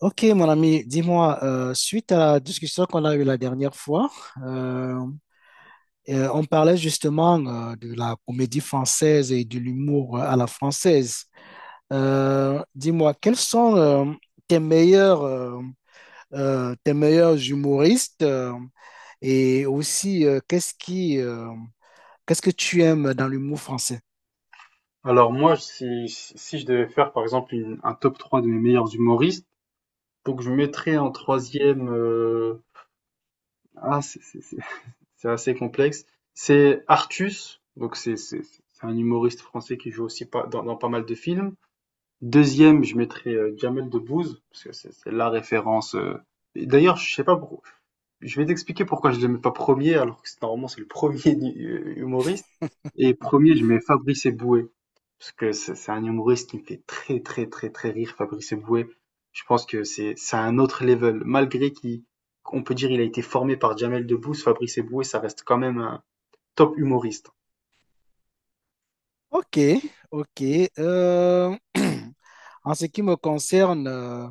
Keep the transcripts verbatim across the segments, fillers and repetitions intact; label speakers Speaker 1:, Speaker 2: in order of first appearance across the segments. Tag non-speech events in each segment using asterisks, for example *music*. Speaker 1: Ok, mon ami, dis-moi, euh, suite à la discussion qu'on a eue la dernière fois, euh, euh, on parlait justement euh, de la comédie française et de l'humour euh, à la française. Euh, dis-moi, quels sont euh, tes meilleurs, euh, euh, tes meilleurs humoristes euh, et aussi euh, qu'est-ce qui, euh, qu'est-ce que tu aimes dans l'humour français?
Speaker 2: Alors moi, si, si je devais faire par exemple une- un top trois de mes meilleurs humoristes, donc je mettrais en troisième, euh, ah, c'est c'est- c'est- *laughs* c'est assez complexe, c'est Artus, donc c'est c'est- c'est un humoriste français qui joue aussi pas, dans, dans pas mal de films. Deuxième, je mettrais euh, Jamel Debbouze, parce que c'est c'est la référence. euh. Et d'ailleurs, je sais pas pourquoi, je vais t'expliquer pourquoi je le mets pas premier, alors que c'est- normalement c'est le premier *laughs* humoriste. Et premier, je mets Fabrice Eboué. Parce que c'est c'est un humoriste qui me fait très très très très rire, Fabrice Eboué. Je pense que c'est c'est un autre level. Malgré qu'il, qu'on peut dire il a été formé par Jamel Debbouze, Fabrice Eboué, ça reste quand même un top humoriste.
Speaker 1: Ok, ok. Euh, *clears throat* en ce qui me concerne, euh,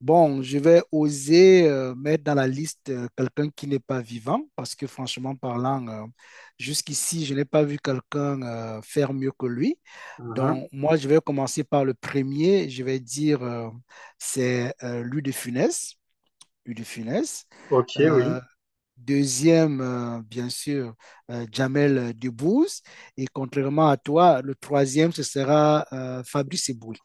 Speaker 1: bon, je vais oser euh, mettre dans la liste euh, quelqu'un qui n'est pas vivant, parce que franchement parlant, euh, jusqu'ici, je n'ai pas vu quelqu'un euh, faire mieux que lui.
Speaker 2: Mhm.
Speaker 1: Donc, moi, je vais commencer par le premier. Je vais dire, euh, c'est euh, Louis de Funès. Louis de Funès.
Speaker 2: Ok,
Speaker 1: Euh,
Speaker 2: oui.
Speaker 1: Deuxième, euh, bien sûr, euh, Jamel Debbouze. Et contrairement à toi, le troisième, ce sera euh, Fabrice Eboué.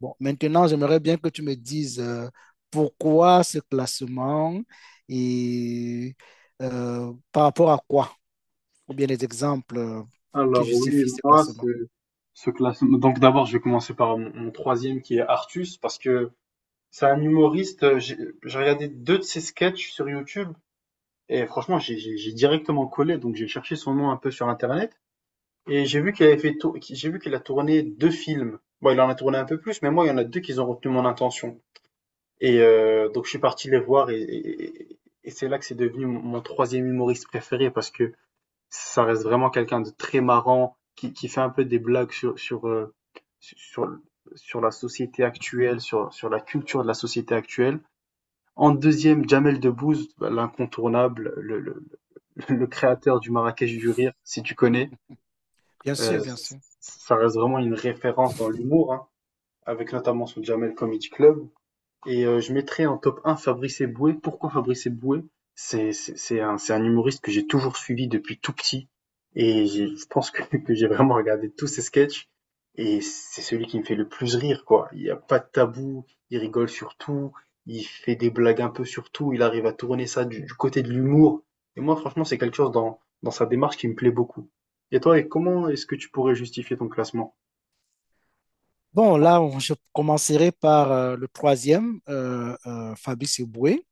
Speaker 1: Bon, maintenant, j'aimerais bien que tu me dises euh, pourquoi ce classement et euh, par rapport à quoi? Ou bien les exemples euh, pour qui
Speaker 2: Alors oui,
Speaker 1: justifient ces
Speaker 2: moi, c'est
Speaker 1: placements?
Speaker 2: ce classement. Donc d'abord, je vais commencer par mon, mon troisième qui est Artus, parce que c'est un humoriste. euh, J'ai j'ai regardé deux de ses sketchs sur YouTube et franchement, j'ai j'ai- j'ai directement collé, donc j'ai cherché son nom un peu sur Internet. Et j'ai vu qu'il avait fait tour- qui- j'ai vu qu'il a tourné deux films. Bon, il en a tourné un peu plus, mais moi, il y en a deux qui ont retenu mon attention. Et euh, donc, je suis parti les voir et, et- et- et c'est là que c'est devenu mon mon troisième humoriste préféré parce que ça reste vraiment quelqu'un de très marrant, qui, qui fait un peu des blagues sur, sur, euh, sur, sur la société actuelle, sur, sur la culture de la société actuelle. En deuxième, Jamel Debbouze, bah, l'incontournable, le, le, *laughs* le créateur du Marrakech du rire, si tu connais.
Speaker 1: Bien
Speaker 2: Euh,
Speaker 1: sûr, bien
Speaker 2: Yes.
Speaker 1: sûr.
Speaker 2: Ça reste vraiment une référence dans l'humour, hein, avec notamment son Jamel Comedy Club. Et euh, je mettrais en top un Fabrice Eboué. Pourquoi Fabrice Eboué? C'est, c'est, c'est un, c'est un humoriste que j'ai toujours suivi depuis tout petit. Et j'ai- je pense que, *laughs* que j'ai vraiment regardé tous ses sketchs. Et c'est celui qui me fait le plus rire, quoi. Il n'y a pas de tabou. Il rigole sur tout. Il fait des blagues un peu sur tout. Il arrive à tourner ça du, du côté de l'humour. Et moi, franchement, c'est quelque chose dans, dans sa démarche qui me plaît beaucoup. Et toi, et comment est-ce que tu pourrais justifier ton classement?
Speaker 1: Bon, là, on- je commencerai par euh, le troisième, euh, euh, Fabrice Eboué,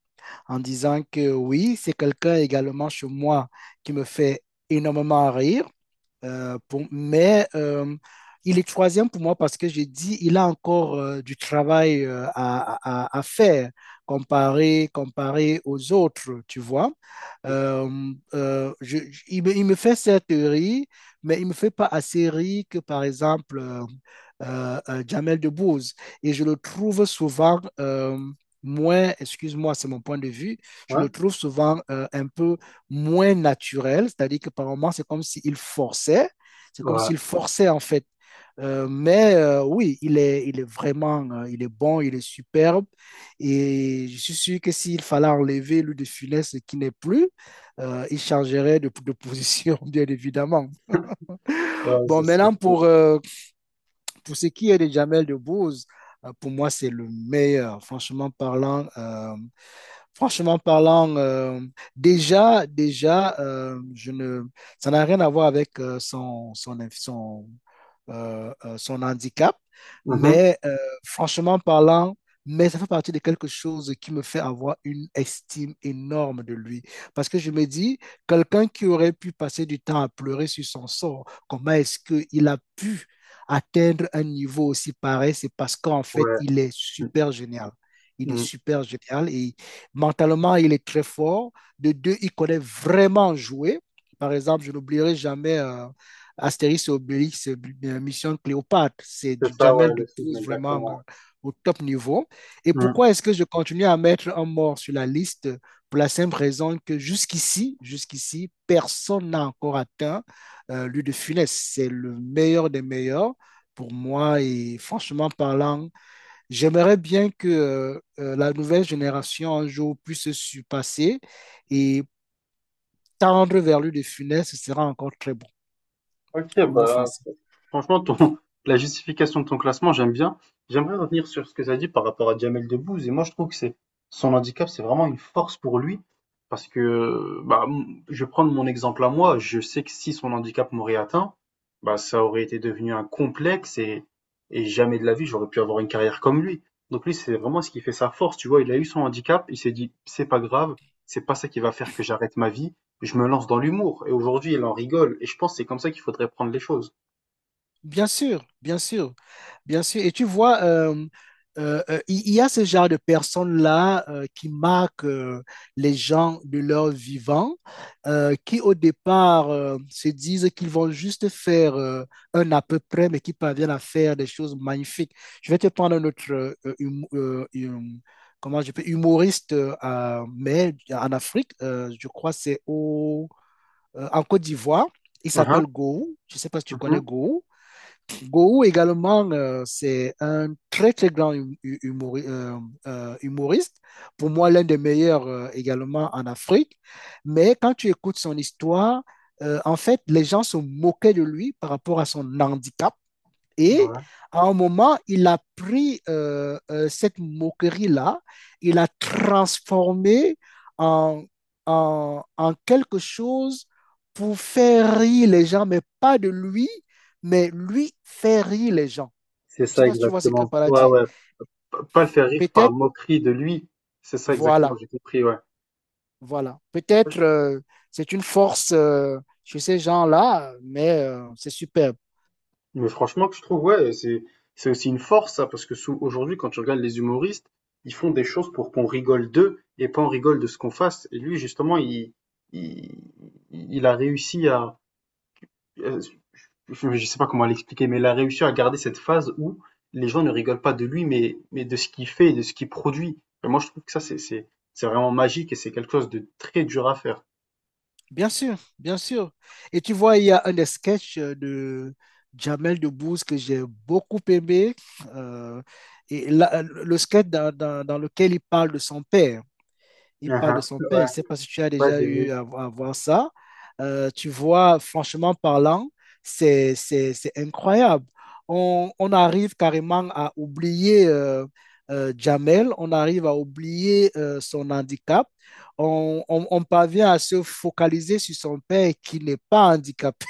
Speaker 1: en disant que oui, c'est quelqu'un également chez moi qui me fait énormément rire. Euh, pour- mais euh, il est troisième pour moi parce que je dis il a encore euh, du travail euh, à, à- à faire comparé, comparé aux autres, tu vois.
Speaker 2: C'est ça.
Speaker 1: Euh, euh, je- je- il me, il me fait cette rire, mais il me fait pas assez rire que, par exemple, euh, euh, euh, Jamel Debbouze. Et je le trouve souvent euh, moins, excuse-moi, c'est mon point de vue, je
Speaker 2: Ouais,
Speaker 1: le trouve souvent euh, un peu moins naturel, c'est-à-dire que par moments, c'est comme s'il forçait, c'est comme
Speaker 2: ouais,
Speaker 1: s'il forçait en fait. Euh, mais euh, oui, il est, il est vraiment, euh, il est bon, il est superbe. Et je suis sûr que s'il fallait enlever lui de Funès, ce qui n'est plus, euh, il changerait de, de position, *laughs* bien évidemment.
Speaker 2: ouais,
Speaker 1: Bon,
Speaker 2: c'est sûr.
Speaker 1: maintenant, pour, euh, pour ce qui est de Jamel Debbouze, euh, pour moi, c'est le meilleur, franchement parlant. euh, Franchement parlant, euh, déjà, déjà, euh, je ne, ça n'a rien à voir avec euh, son, son, son, euh, euh, son handicap,
Speaker 2: Mhm.
Speaker 1: mais euh, franchement parlant, mais ça fait partie de quelque chose qui me fait avoir une estime énorme de lui. Parce que je me dis, quelqu'un qui aurait pu passer du temps à pleurer sur son sort, comment est-ce qu'il a pu atteindre un niveau aussi pareil? C'est parce qu'en fait,
Speaker 2: Ouais.
Speaker 1: il est super génial. Il est
Speaker 2: Mm.
Speaker 1: super génial et mentalement, il est très fort. De deux, il connaît vraiment jouer. Par exemple, je n'oublierai jamais euh, Astérix et Obélix, euh, Mission Cléopâtre. C'est
Speaker 2: C'est
Speaker 1: du
Speaker 2: ça,
Speaker 1: Jamel
Speaker 2: ouais, le film,
Speaker 1: Dupouze vraiment euh,
Speaker 2: exactement.
Speaker 1: au top niveau. Et
Speaker 2: Hmm.
Speaker 1: pourquoi est-ce que je continue à mettre un mort sur la liste? Pour la simple raison que jusqu'ici, jusqu'ici, personne n'a encore atteint euh, lui de Funès. C'est le meilleur des meilleurs pour moi. Et franchement parlant, j'aimerais bien que euh, euh, la nouvelle génération un jour puisse se surpasser et tendre vers lui de Funès, ce sera encore très bon,
Speaker 2: Ok,
Speaker 1: l'humour
Speaker 2: bah,
Speaker 1: français.
Speaker 2: franchement, ton, *laughs* la justification de ton classement, j'aime bien. J'aimerais revenir sur ce que tu as dit par rapport à Jamel Debbouze. Et moi, je trouve que c'est son handicap, c'est vraiment une force pour lui. Parce que, bah, m- je vais prendre mon exemple à moi. Je sais que si son handicap m'aurait atteint, bah, ça aurait été devenu un complexe et, et jamais de la vie, j'aurais pu avoir une carrière comme lui. Donc lui, c'est vraiment ce qui fait sa force. Tu vois, il a eu son handicap, il s'est dit, c'est pas grave, c'est pas ça qui va faire que j'arrête ma vie. Je me lance dans l'humour et aujourd'hui, elle en rigole et je pense que c'est comme ça qu'il faudrait prendre les choses.
Speaker 1: Bien sûr, bien sûr. Bien sûr, et tu vois, euh, euh, euh, il il y a ce genre de personnes-là euh, qui marquent euh, les gens de leur vivant, euh, qui au départ euh, se disent qu'ils vont juste faire euh, un à peu près, mais qui parviennent à faire des choses magnifiques. Je vais te prendre un autre euh, euh, hum- euh, hum- comment je peux, humoriste, euh, à- mais en Afrique, euh, je crois c'est au, euh, en Côte d'Ivoire. Il
Speaker 2: Mmh
Speaker 1: s'appelle
Speaker 2: mh.
Speaker 1: Gou. Je ne sais pas si tu connais
Speaker 2: Mmh.
Speaker 1: Gou. Gohou également, euh, c'est un très très grand hum- hu- humori- euh, euh, humoriste, pour moi l'un des meilleurs euh, également en Afrique, mais quand tu écoutes son histoire, euh, en fait, les gens se moquaient de lui par rapport à son handicap et
Speaker 2: Ouais.
Speaker 1: à un moment, il a pris euh, euh, cette moquerie-là, il a transformé en, en, en quelque chose pour faire rire les gens, mais pas de lui, mais lui faire rire les gens.
Speaker 2: C'est
Speaker 1: Je ne sais
Speaker 2: ça
Speaker 1: pas si tu vois ce que
Speaker 2: exactement.
Speaker 1: Pala
Speaker 2: Ouais,
Speaker 1: dit.
Speaker 2: ouais. P pas le faire rire par
Speaker 1: Peut-être,
Speaker 2: moquerie de lui. C'est ça exactement,
Speaker 1: voilà,
Speaker 2: j'ai compris, ouais.
Speaker 1: voilà.
Speaker 2: Ouais,
Speaker 1: Peut-être
Speaker 2: je-
Speaker 1: euh, c'est une force euh, chez ces gens-là, mais euh, c'est superbe.
Speaker 2: Mais franchement, que je trouve, ouais, c'est c'est aussi une force, ça, parce que sous- aujourd'hui, quand tu regardes les humoristes, ils font des choses pour qu'on rigole d'eux et pas on rigole de ce qu'on fasse. Et lui, justement, il, il, il a réussi à, euh, je ne sais pas comment l'expliquer, mais il a réussi à garder cette phase où les gens ne rigolent pas de lui, mais, mais de ce qu'il fait et de ce qu'il produit. Et moi, je trouve que ça, c'est, c'est, c'est vraiment magique et c'est quelque chose de très dur à faire.
Speaker 1: Bien sûr, bien sûr. Et tu vois, il y a un des sketchs de Jamel Debbouze que j'ai beaucoup aimé. euh, et là, le sketch dans, dans- dans lequel il parle de son père il
Speaker 2: Ah
Speaker 1: parle de
Speaker 2: ah,
Speaker 1: son père. Je ne
Speaker 2: ouais,
Speaker 1: sais pas si tu as
Speaker 2: ouais,
Speaker 1: déjà
Speaker 2: j'ai
Speaker 1: eu
Speaker 2: vu.
Speaker 1: à, à voir ça. Euh, tu vois, franchement parlant, c'est, c'est, c'est incroyable. On, on arrive carrément à oublier euh, euh, Jamel, on arrive à oublier euh, son handicap. On, on- on parvient à se focaliser sur son père qui n'est pas handicapé,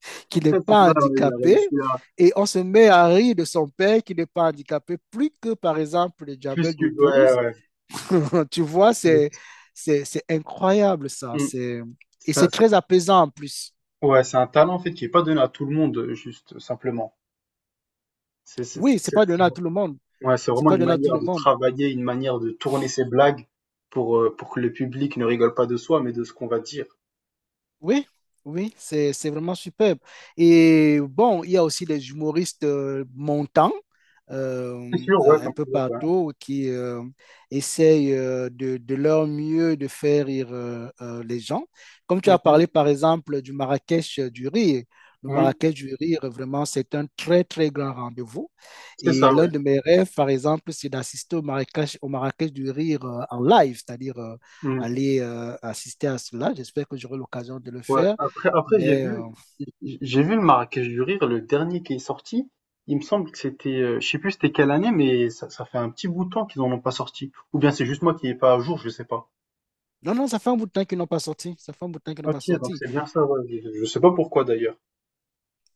Speaker 1: *laughs* qui
Speaker 2: *laughs*
Speaker 1: n'est
Speaker 2: C'est
Speaker 1: pas
Speaker 2: ça, ouais, il a
Speaker 1: handicapé.
Speaker 2: réussi à
Speaker 1: Et on se met à rire de son père qui n'est pas handicapé, plus que par exemple de
Speaker 2: plus
Speaker 1: Jamel
Speaker 2: que.
Speaker 1: Debbouze.
Speaker 2: Ouais,
Speaker 1: *laughs* Tu vois, c'est,
Speaker 2: ouais.
Speaker 1: c'est, c'est incroyable ça.
Speaker 2: Mm.
Speaker 1: C'est, et
Speaker 2: Ça-
Speaker 1: c'est très apaisant en plus.
Speaker 2: ouais, c'est un talent en fait qui est pas donné à tout le monde, euh, juste euh, simplement. C'est c'est- c'est-
Speaker 1: Oui, c'est
Speaker 2: c'est-
Speaker 1: pas donné à tout le
Speaker 2: c'est-
Speaker 1: monde.
Speaker 2: ouais, c'est
Speaker 1: C'est
Speaker 2: vraiment
Speaker 1: pas
Speaker 2: une
Speaker 1: donné à tout
Speaker 2: manière
Speaker 1: le
Speaker 2: de
Speaker 1: monde.
Speaker 2: travailler, une manière de tourner ses blagues pour, euh, pour que le public ne rigole pas de soi, mais de ce qu'on va dire.
Speaker 1: Oui, oui, c'est, c'est vraiment superbe. Et bon, il y a aussi des humoristes euh, montants
Speaker 2: C'est
Speaker 1: euh,
Speaker 2: sûr, ouais,
Speaker 1: euh, un
Speaker 2: comme
Speaker 1: peu
Speaker 2: tu dis, ouais.
Speaker 1: partout qui euh, essayent euh, de, de leur mieux de faire rire euh, euh, les gens. Comme tu
Speaker 2: Mmh
Speaker 1: as
Speaker 2: mh.
Speaker 1: parlé par exemple du Marrakech euh, du rire. Le
Speaker 2: Mmh.
Speaker 1: Marrakech du rire, vraiment, c'est un très, très grand rendez-vous.
Speaker 2: C'est
Speaker 1: Et
Speaker 2: ça, ouais.
Speaker 1: l'un de mes rêves, par exemple, c'est d'assister au Marrakech, au Marrakech du rire euh, en live, c'est-à-dire euh,
Speaker 2: Mmh.
Speaker 1: aller euh, assister à cela. J'espère que j'aurai l'occasion de le
Speaker 2: Ouais,
Speaker 1: faire.
Speaker 2: après après j'ai
Speaker 1: Mais
Speaker 2: vu
Speaker 1: euh,
Speaker 2: j'ai vu le Marrakech du rire, le dernier qui est sorti. Il me semble que c'était, heu, je sais plus c'était quelle année, mais ça ça fait un petit bout de temps qu'ils en ont pas sorti. Ou bien c'est juste moi qui est pas à jour, je sais pas.
Speaker 1: non, non, ça fait un bout de temps qu'ils n'ont pas sorti. Ça fait un bout de temps qu'ils n'ont pas
Speaker 2: OK, donc
Speaker 1: sorti.
Speaker 2: c'est bien ça, ouais. Je je sais pas pourquoi d'ailleurs.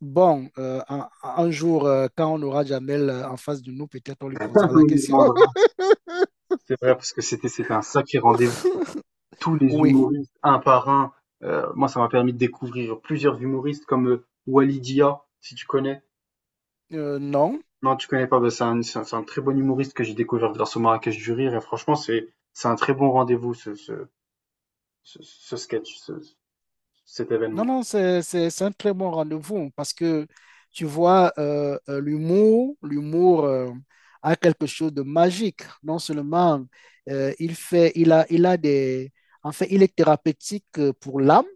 Speaker 1: Bon, euh, un, un jour, euh, quand on aura Jamel euh, en face de nous, peut-être on lui
Speaker 2: *laughs*
Speaker 1: posera
Speaker 2: On
Speaker 1: la
Speaker 2: lui
Speaker 1: question.
Speaker 2: demandera.
Speaker 1: *laughs*
Speaker 2: C'est vrai parce que c'était c'était un sacré rendez-vous. Tous les
Speaker 1: Oui,
Speaker 2: humoristes, un par un. Heu, moi ça m'a permis de découvrir plusieurs humoristes comme, heu, Wally, si tu connais?
Speaker 1: euh, non,
Speaker 2: Non, tu connais pas, bah, c'est un, c'est un- c'est un très bon humoriste que j'ai découvert grâce au Marrakech du Rire et franchement, c'est, c'est un très bon rendez-vous ce, ce, ce, ce sketch, ce- cet
Speaker 1: non,
Speaker 2: événement.
Speaker 1: non, c'est, c'est, c'est un très bon rendez-vous parce que tu vois, euh, euh, l'humour, l'humour euh, a quelque chose de magique. Non seulement euh, il fait, il a, il a des, en fait, il est thérapeutique euh, pour l'âme,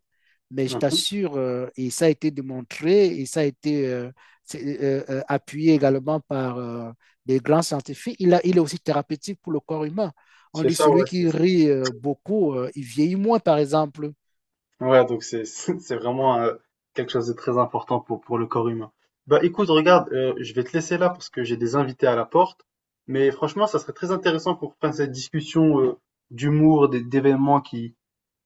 Speaker 1: mais je
Speaker 2: Mhm.
Speaker 1: t'assure, euh, et ça a été démontré, et ça a été euh, c'est, euh, euh, appuyé également par euh, des grands scientifiques, il a, il est aussi thérapeutique pour le corps humain. On
Speaker 2: C'est
Speaker 1: dit
Speaker 2: ça,
Speaker 1: celui
Speaker 2: ouais.
Speaker 1: qui
Speaker 2: c'est-
Speaker 1: rit euh, beaucoup, euh, il vieillit moins, par exemple.
Speaker 2: ouais, donc c'est, *laughs* c'est vraiment euh, quelque chose de très important pour, pour le corps humain. Bah écoute, regarde, euh, je vais te laisser là parce que j'ai des invités à la porte, mais franchement, ça serait très intéressant qu'on reprenne cette discussion euh, d'humour, des- d'événements qui,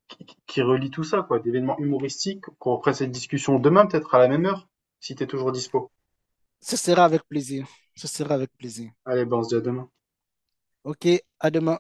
Speaker 2: qui, qui qui relient tout ça, quoi, d'événements humoristiques, qu'on reprenne cette discussion demain peut-être à la même heure, si t'es toujours dispo.
Speaker 1: Ce sera avec plaisir. Ce sera avec plaisir.
Speaker 2: Allez, bon, on se dit à la bourse de demain.
Speaker 1: OK, à demain.